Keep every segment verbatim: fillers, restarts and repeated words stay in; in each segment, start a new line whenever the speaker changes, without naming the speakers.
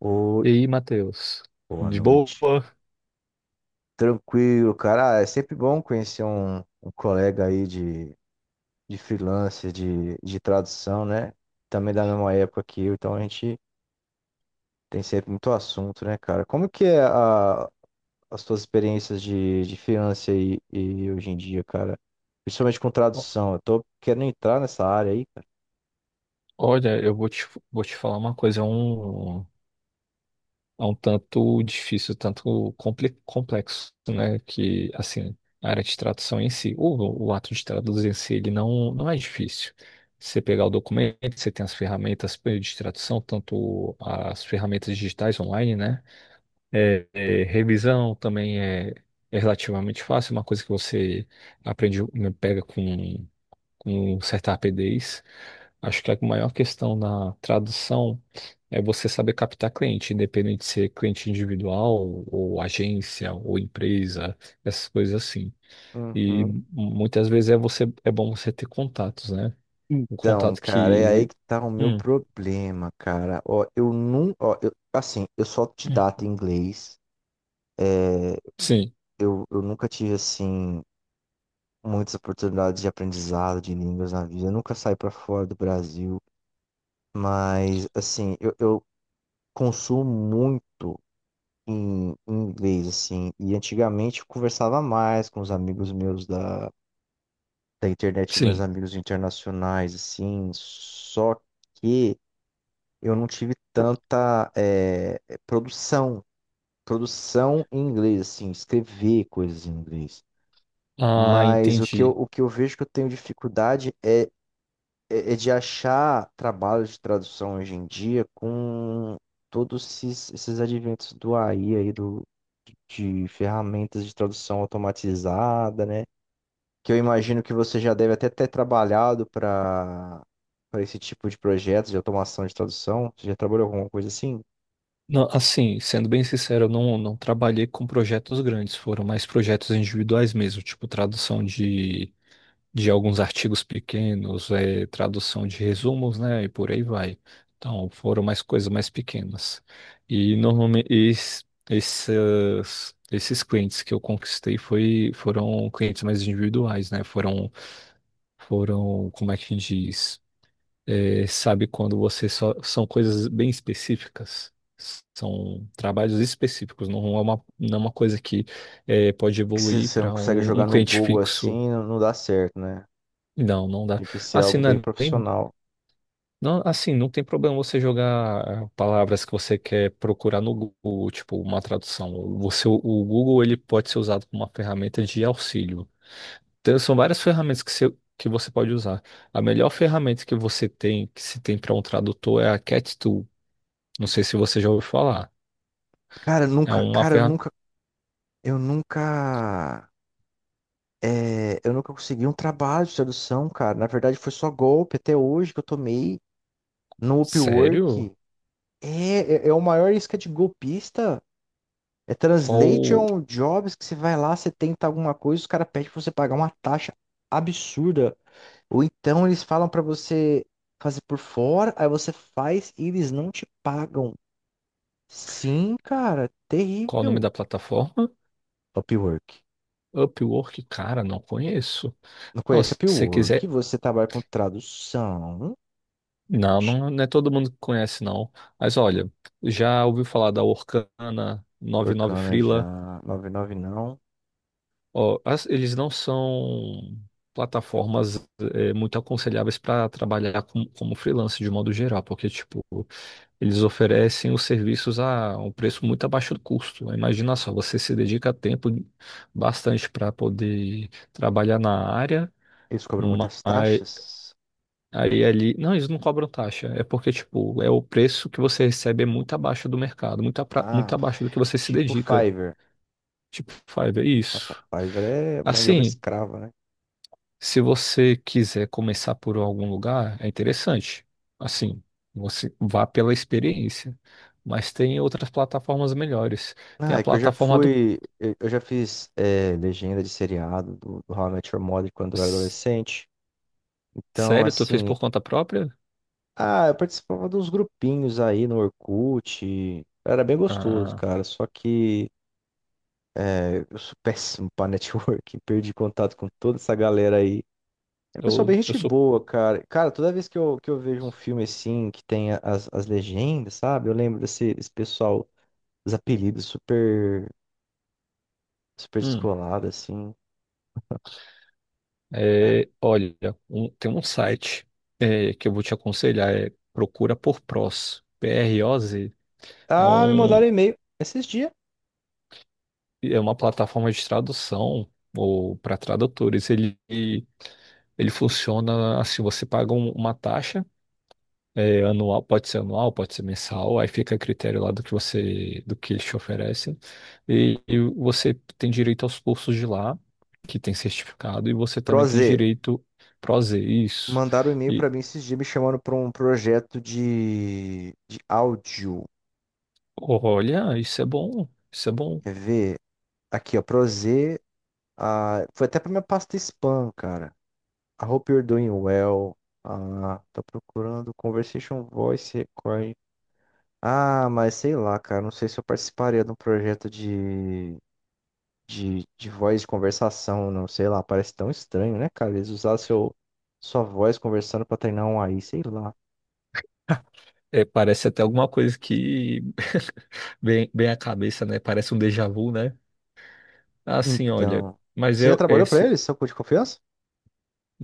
Oi,
E aí, Matheus?
boa
De boa?
noite. Tranquilo, cara. Ah, É sempre bom conhecer um, um colega aí de, de freelancer, de, de tradução, né? Também da mesma época que eu, então a gente tem sempre muito assunto, né, cara? Como que é a, as tuas experiências de, de freelancer aí e hoje em dia, cara? Principalmente com
O-
tradução. Eu tô querendo entrar nessa área aí, cara.
Olha, eu vou te, vou te falar uma coisa, é um, é um tanto difícil, tanto compli- complexo, né? Que, assim, a área de tradução em si, o, o ato de traduzir em si, ele não, não é difícil. Você pegar o documento, você tem as ferramentas de tradução, tanto as ferramentas digitais online, né? É, é, revisão também é, é relativamente fácil, uma coisa que você aprende, né, pega com com certa rapidez. Acho que a maior questão na tradução é você saber captar cliente, independente de ser cliente individual, ou agência, ou empresa, essas coisas assim. E
Uhum.
muitas vezes é você é bom você ter contatos, né? Um
Então,
contato
cara, é aí
que.
que tá o meu
Hum,
problema, cara. Ó, eu não, ó, eu, assim, eu sou autodidata em inglês.
sim,
eu, eu nunca tive, assim, muitas oportunidades de aprendizado de línguas na vida. Eu nunca saí para fora do Brasil. Mas, assim, eu, eu consumo muito em, em inglês, assim. E antigamente eu conversava mais com os amigos meus da, da internet, meus
sim.
amigos internacionais, assim. Só que eu não tive tanta eh, produção, produção em inglês, assim, escrever coisas em inglês.
Ah,
Mas o que eu,
entendi.
o que eu vejo que eu tenho dificuldade é, é, é de achar trabalho de tradução hoje em dia com todos esses, esses adventos do A I aí, do, de ferramentas de tradução automatizada, né? Que eu imagino que você já deve até ter trabalhado para para esse tipo de projeto de automação de tradução. Você já trabalhou com alguma coisa assim?
Não, assim, sendo bem sincero, eu não, não trabalhei com projetos grandes, foram mais projetos individuais mesmo, tipo tradução de de alguns artigos pequenos, eh, tradução de resumos, né, e por aí vai. Então, foram mais coisas mais pequenas. E normalmente es- esses, esses clientes que eu conquistei foi, foram clientes mais individuais, né? Foram, foram, como é que a gente diz? Eh, sabe quando você só são coisas bem específicas? São trabalhos específicos, não é uma, não é uma coisa que eh, pode
Que se
evoluir
você não
para
consegue
um um
jogar no
cliente
Google
fixo.
assim, não, não dá certo, né?
Não, não dá.
Tem que ser
Assim,
algo
não
bem
é nem
profissional.
Não, assim, não tem problema você jogar ah, palavras que você quer procurar no Google, tipo uma tradução. Você, o o Google, ele pode ser usado como uma ferramenta de auxílio. Então, são várias ferramentas que você, que você pode usar. A melhor ferramenta que você tem, que se tem para um tradutor, é a Cat Tool. Não sei se você já ouviu falar.
Cara, eu
É
nunca,
uma
cara, eu
ferramenta.
nunca. Eu nunca. É, eu nunca consegui um trabalho de tradução, cara. Na verdade, foi só golpe até hoje que eu tomei no
Sério?
Upwork. É, é, é o maior isca de golpista. É
Qual,
translation jobs que você vai lá, você tenta alguma coisa, os caras pedem pra você pagar uma taxa absurda. Ou então eles falam pra você fazer por fora, aí você faz e eles não te pagam. Sim, cara,
qual o nome
terrível.
da plataforma?
Upwork.
Upwork? Cara, não conheço.
Não
Não,
conhece
se você
Upwork?
quiser.
Você trabalha com tradução.
Não,
Oxi.
não, não é todo mundo que conhece, não. Mas olha, já ouviu falar da Orkana, noventa e nove
Orkana já.
Freela?
noventa e nove não.
Ó, as- eles não são plataformas é, muito aconselháveis para trabalhar com, como freelance de modo geral, porque, tipo, eles oferecem os serviços a um preço muito abaixo do custo. Imagina só, você se dedica tempo bastante para poder trabalhar na área,
Eles cobram muitas taxas?
Aí ali. Não, eles não cobram taxa. É porque, tipo, é o preço que você recebe é muito abaixo do mercado, muito, apra-
Ah,
muito abaixo do que
fi-
você se
tipo
dedica.
Fiverr.
Tipo, Fiverr, é
Nossa,
isso.
Fiverr é mão de obra
Assim,
escrava, né?
se você quiser começar por algum lugar, é interessante. Assim, você vá pela experiência. Mas tem outras plataformas melhores. Tem
Ah,
a
é que eu já
plataforma do.
fui. Eu eu já fiz é, legenda de seriado do, do How I Met Your Mother quando eu era
S-
adolescente. Então,
Sério, tu fez
assim.
por conta própria?
Ah, eu participava dos grupinhos aí no Orkut. Era bem gostoso,
Ah,
cara. Só que é, eu sou péssimo pra networking. Perdi contato com toda essa galera aí. Pessoal,
eu,
bem
eu
gente
sou.
boa, cara. Cara, toda vez que eu, que eu vejo um filme assim, que tem as, as legendas, sabe? Eu lembro desse, desse pessoal, os apelidos super, super
Hum.
descolado, assim, né?
É, olha, um- tem um site é, que eu vou te aconselhar, é Procura por Pros, P-R-O-Z. É,
Ah, me mandaram
um,
um e-mail esses dias.
é uma plataforma de tradução ou para tradutores. Ele, ele funciona assim, você paga um- uma taxa é, anual, pode ser anual, pode ser mensal, aí fica a critério lá do que você, do que eles te oferecem. E, e você tem direito aos cursos de lá, que tem certificado, e você também tem
Proze,
direito Prozer, isso.
mandaram um e-mail pra mim esses dias me chamando pra um projeto de, de áudio.
Olha, isso é bom, isso é bom.
Quer ver? Aqui, ó, Proze. Ah, foi até pra minha pasta spam, cara. I hope you're doing well. Ah, tô procurando Conversation Voice. Ah, mas sei lá, cara. Não sei se eu participaria de um projeto de, de, de voz de conversação, não. Sei lá, parece tão estranho, né, cara? Eles usar seu, sua voz conversando pra treinar um A I, sei lá.
É, parece até alguma coisa que bem, bem a cabeça, né? Parece um déjà vu, né? Assim, olha,
Então.
mas
Você já
eu
trabalhou pra
esse
eles, seu cu de confiança?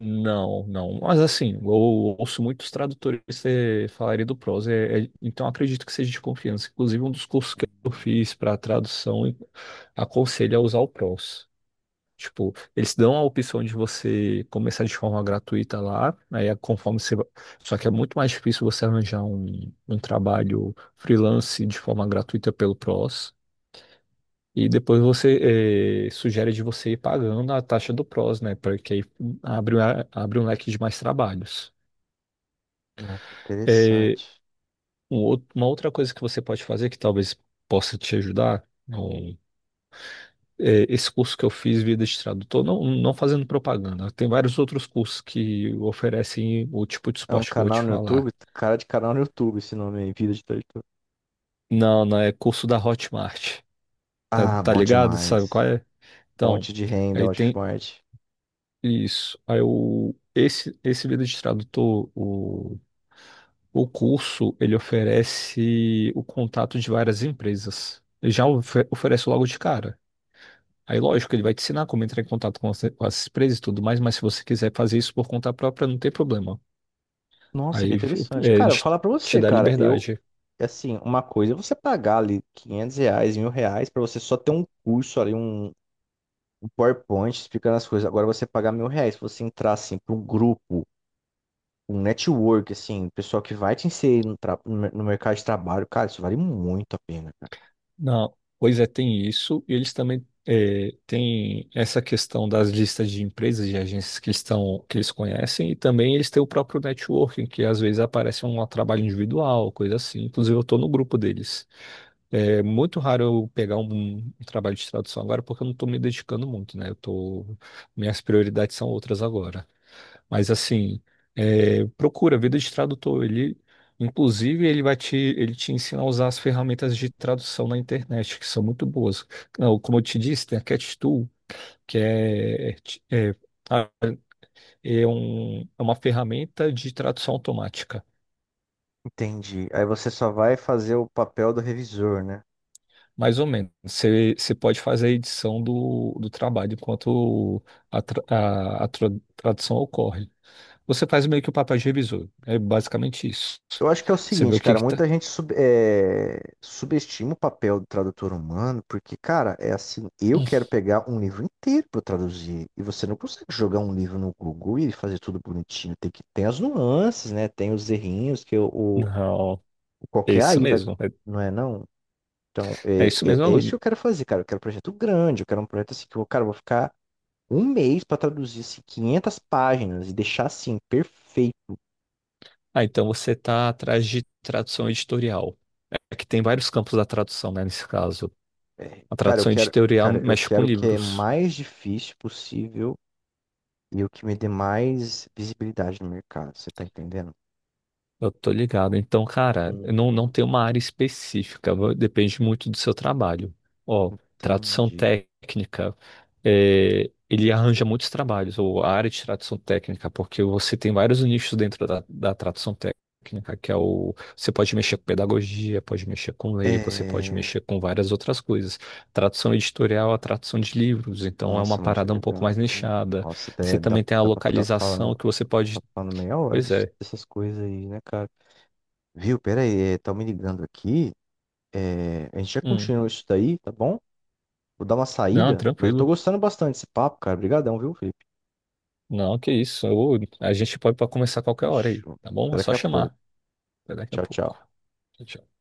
não, não. Mas assim, eu ouço muitos tradutores eh, falarem do prose, é- é- então acredito que seja de confiança. Inclusive, um dos cursos que eu
Hum.
fiz para tradução aconselha a usar o prose. Tipo, eles dão a opção de você começar de forma gratuita lá, aí é conforme você. Va- Só que é muito mais difícil você arranjar um, um trabalho freelance de forma gratuita pelo PROS. E depois você eh, sugere de você ir pagando a taxa do PROS, né? Porque aí abre, uma- abre um leque de mais trabalhos.
Não, que
Eh,
interessante.
um outro- uma outra coisa que você pode fazer, que talvez possa te ajudar, é, esse curso que eu fiz vida de tradutor, não, não fazendo propaganda, tem vários outros cursos que oferecem o tipo de
É um
suporte que eu vou te
canal no
falar.
YouTube? Cara de canal no YouTube, esse nome aí, Vida de Tradutor.
Não, não, é curso da Hotmart, tá,
Ah,
tá
bom
ligado? Sabe qual
demais.
é? Então,
Fonte de renda,
aí tem
Hotmart.
isso. Aí o, esse, esse vida de tradutor, o, o curso, ele oferece o contato de várias empresas. Ele já ofe- oferece logo de cara. Aí, lógico, ele vai te ensinar como entrar em contato com as, com as empresas e tudo mais, mas se você quiser fazer isso por conta própria, não tem problema.
Nossa, que
Aí é,
interessante. Cara, vou
eles
falar pra
te
você,
dá
cara. Eu.
liberdade.
E, assim, uma coisa é você pagar ali quinhentos reais, mil reais, pra você só ter um curso ali, um, um PowerPoint explicando as coisas. Agora você pagar mil reais, se você entrar, assim, para um grupo, um network, assim, um pessoal que vai te inserir no, tra- no mer- no mercado de trabalho, cara, isso vale muito a pena, cara.
Não, pois é, tem isso, e eles também é, têm essa questão das listas de empresas e agências que estão, que eles conhecem, e também eles têm o próprio networking, que às vezes aparece um trabalho individual, coisa assim. Inclusive, eu estou no grupo deles. É muito raro eu pegar um, um trabalho de tradução agora, porque eu não estou me dedicando muito, né? Eu tô, minhas prioridades são outras agora. Mas assim, é, procura vida de tradutor. Ele, inclusive, ele vai te, ele te ensina a usar as ferramentas de tradução na internet, que são muito boas. Não, como eu te disse, tem a CatTool, que é, é, ah, é um- é uma ferramenta de tradução automática.
Entendi. Aí você só vai fazer o papel do revisor, né?
Mais ou menos. Você você pode fazer a edição do, do trabalho enquanto a, tra- a- a tra- tradução ocorre. Você faz meio que o papel de revisor. É basicamente isso.
Eu acho que é o
Você vê o
seguinte,
que
cara,
que tá.
muita gente sub- eh, subestima o papel do tradutor humano, porque, cara, é assim, eu quero pegar um livro inteiro para traduzir, e você não consegue jogar um livro no Google e fazer tudo bonitinho, tem que tem as nuances, né? Tem os errinhos que o, o-
Não.
o
É
qualquer
isso
aí vai,
mesmo.
não é não? Então,
É, é
é,
isso mesmo.
é, é isso
Aluno.
que eu quero fazer, cara, eu quero um projeto grande, eu quero um projeto assim que eu, cara, eu vou ficar um mês para traduzir assim, quinhentas páginas e deixar assim perfeito.
Ah, então você está atrás de tradução editorial. É que tem vários campos da tradução, né, nesse caso. A
Cara, eu
tradução
quero,
editorial
cara, eu
mexe com
quero que é
livros.
mais difícil possível e o que me dê mais visibilidade no mercado. Você tá entendendo?
Eu tô ligado. Então, cara,
Hum.
não, não tem uma área específica, va- depende muito do seu trabalho. Ó, tradução
Entendi.
técnica, é, ele arranja muitos trabalhos, ou a área de tradução técnica, porque você tem vários nichos dentro da, da tradução técnica, que é o. Você pode mexer com pedagogia, pode mexer com lei, você pode
É...
mexer com várias outras coisas. Tradução editorial, a tradução de livros, então é uma
Nossa, muito
parada um pouco
legal,
mais
cara.
nichada.
Nossa, até
Você
dá,
também tem a
dá pra ficar falando,
localização que você
ficar
pode.
falando meia hora
Pois
des-
é.
dessas coisas aí, né, cara? Viu? Pera aí, é, tá me ligando aqui. É, a gente já
Hum.
continua isso daí, tá bom? Vou dar uma
Não,
saída, mas eu tô
tranquilo.
gostando bastante desse papo, cara. Obrigadão, viu, Felipe?
Não, que isso. Eu- a gente pode, pode começar a qualquer hora aí,
Fechou.
tá bom?
Até
É
daqui
só
a pouco.
chamar. Até daqui a
Tchau,
pouco.
tchau.
Tchau.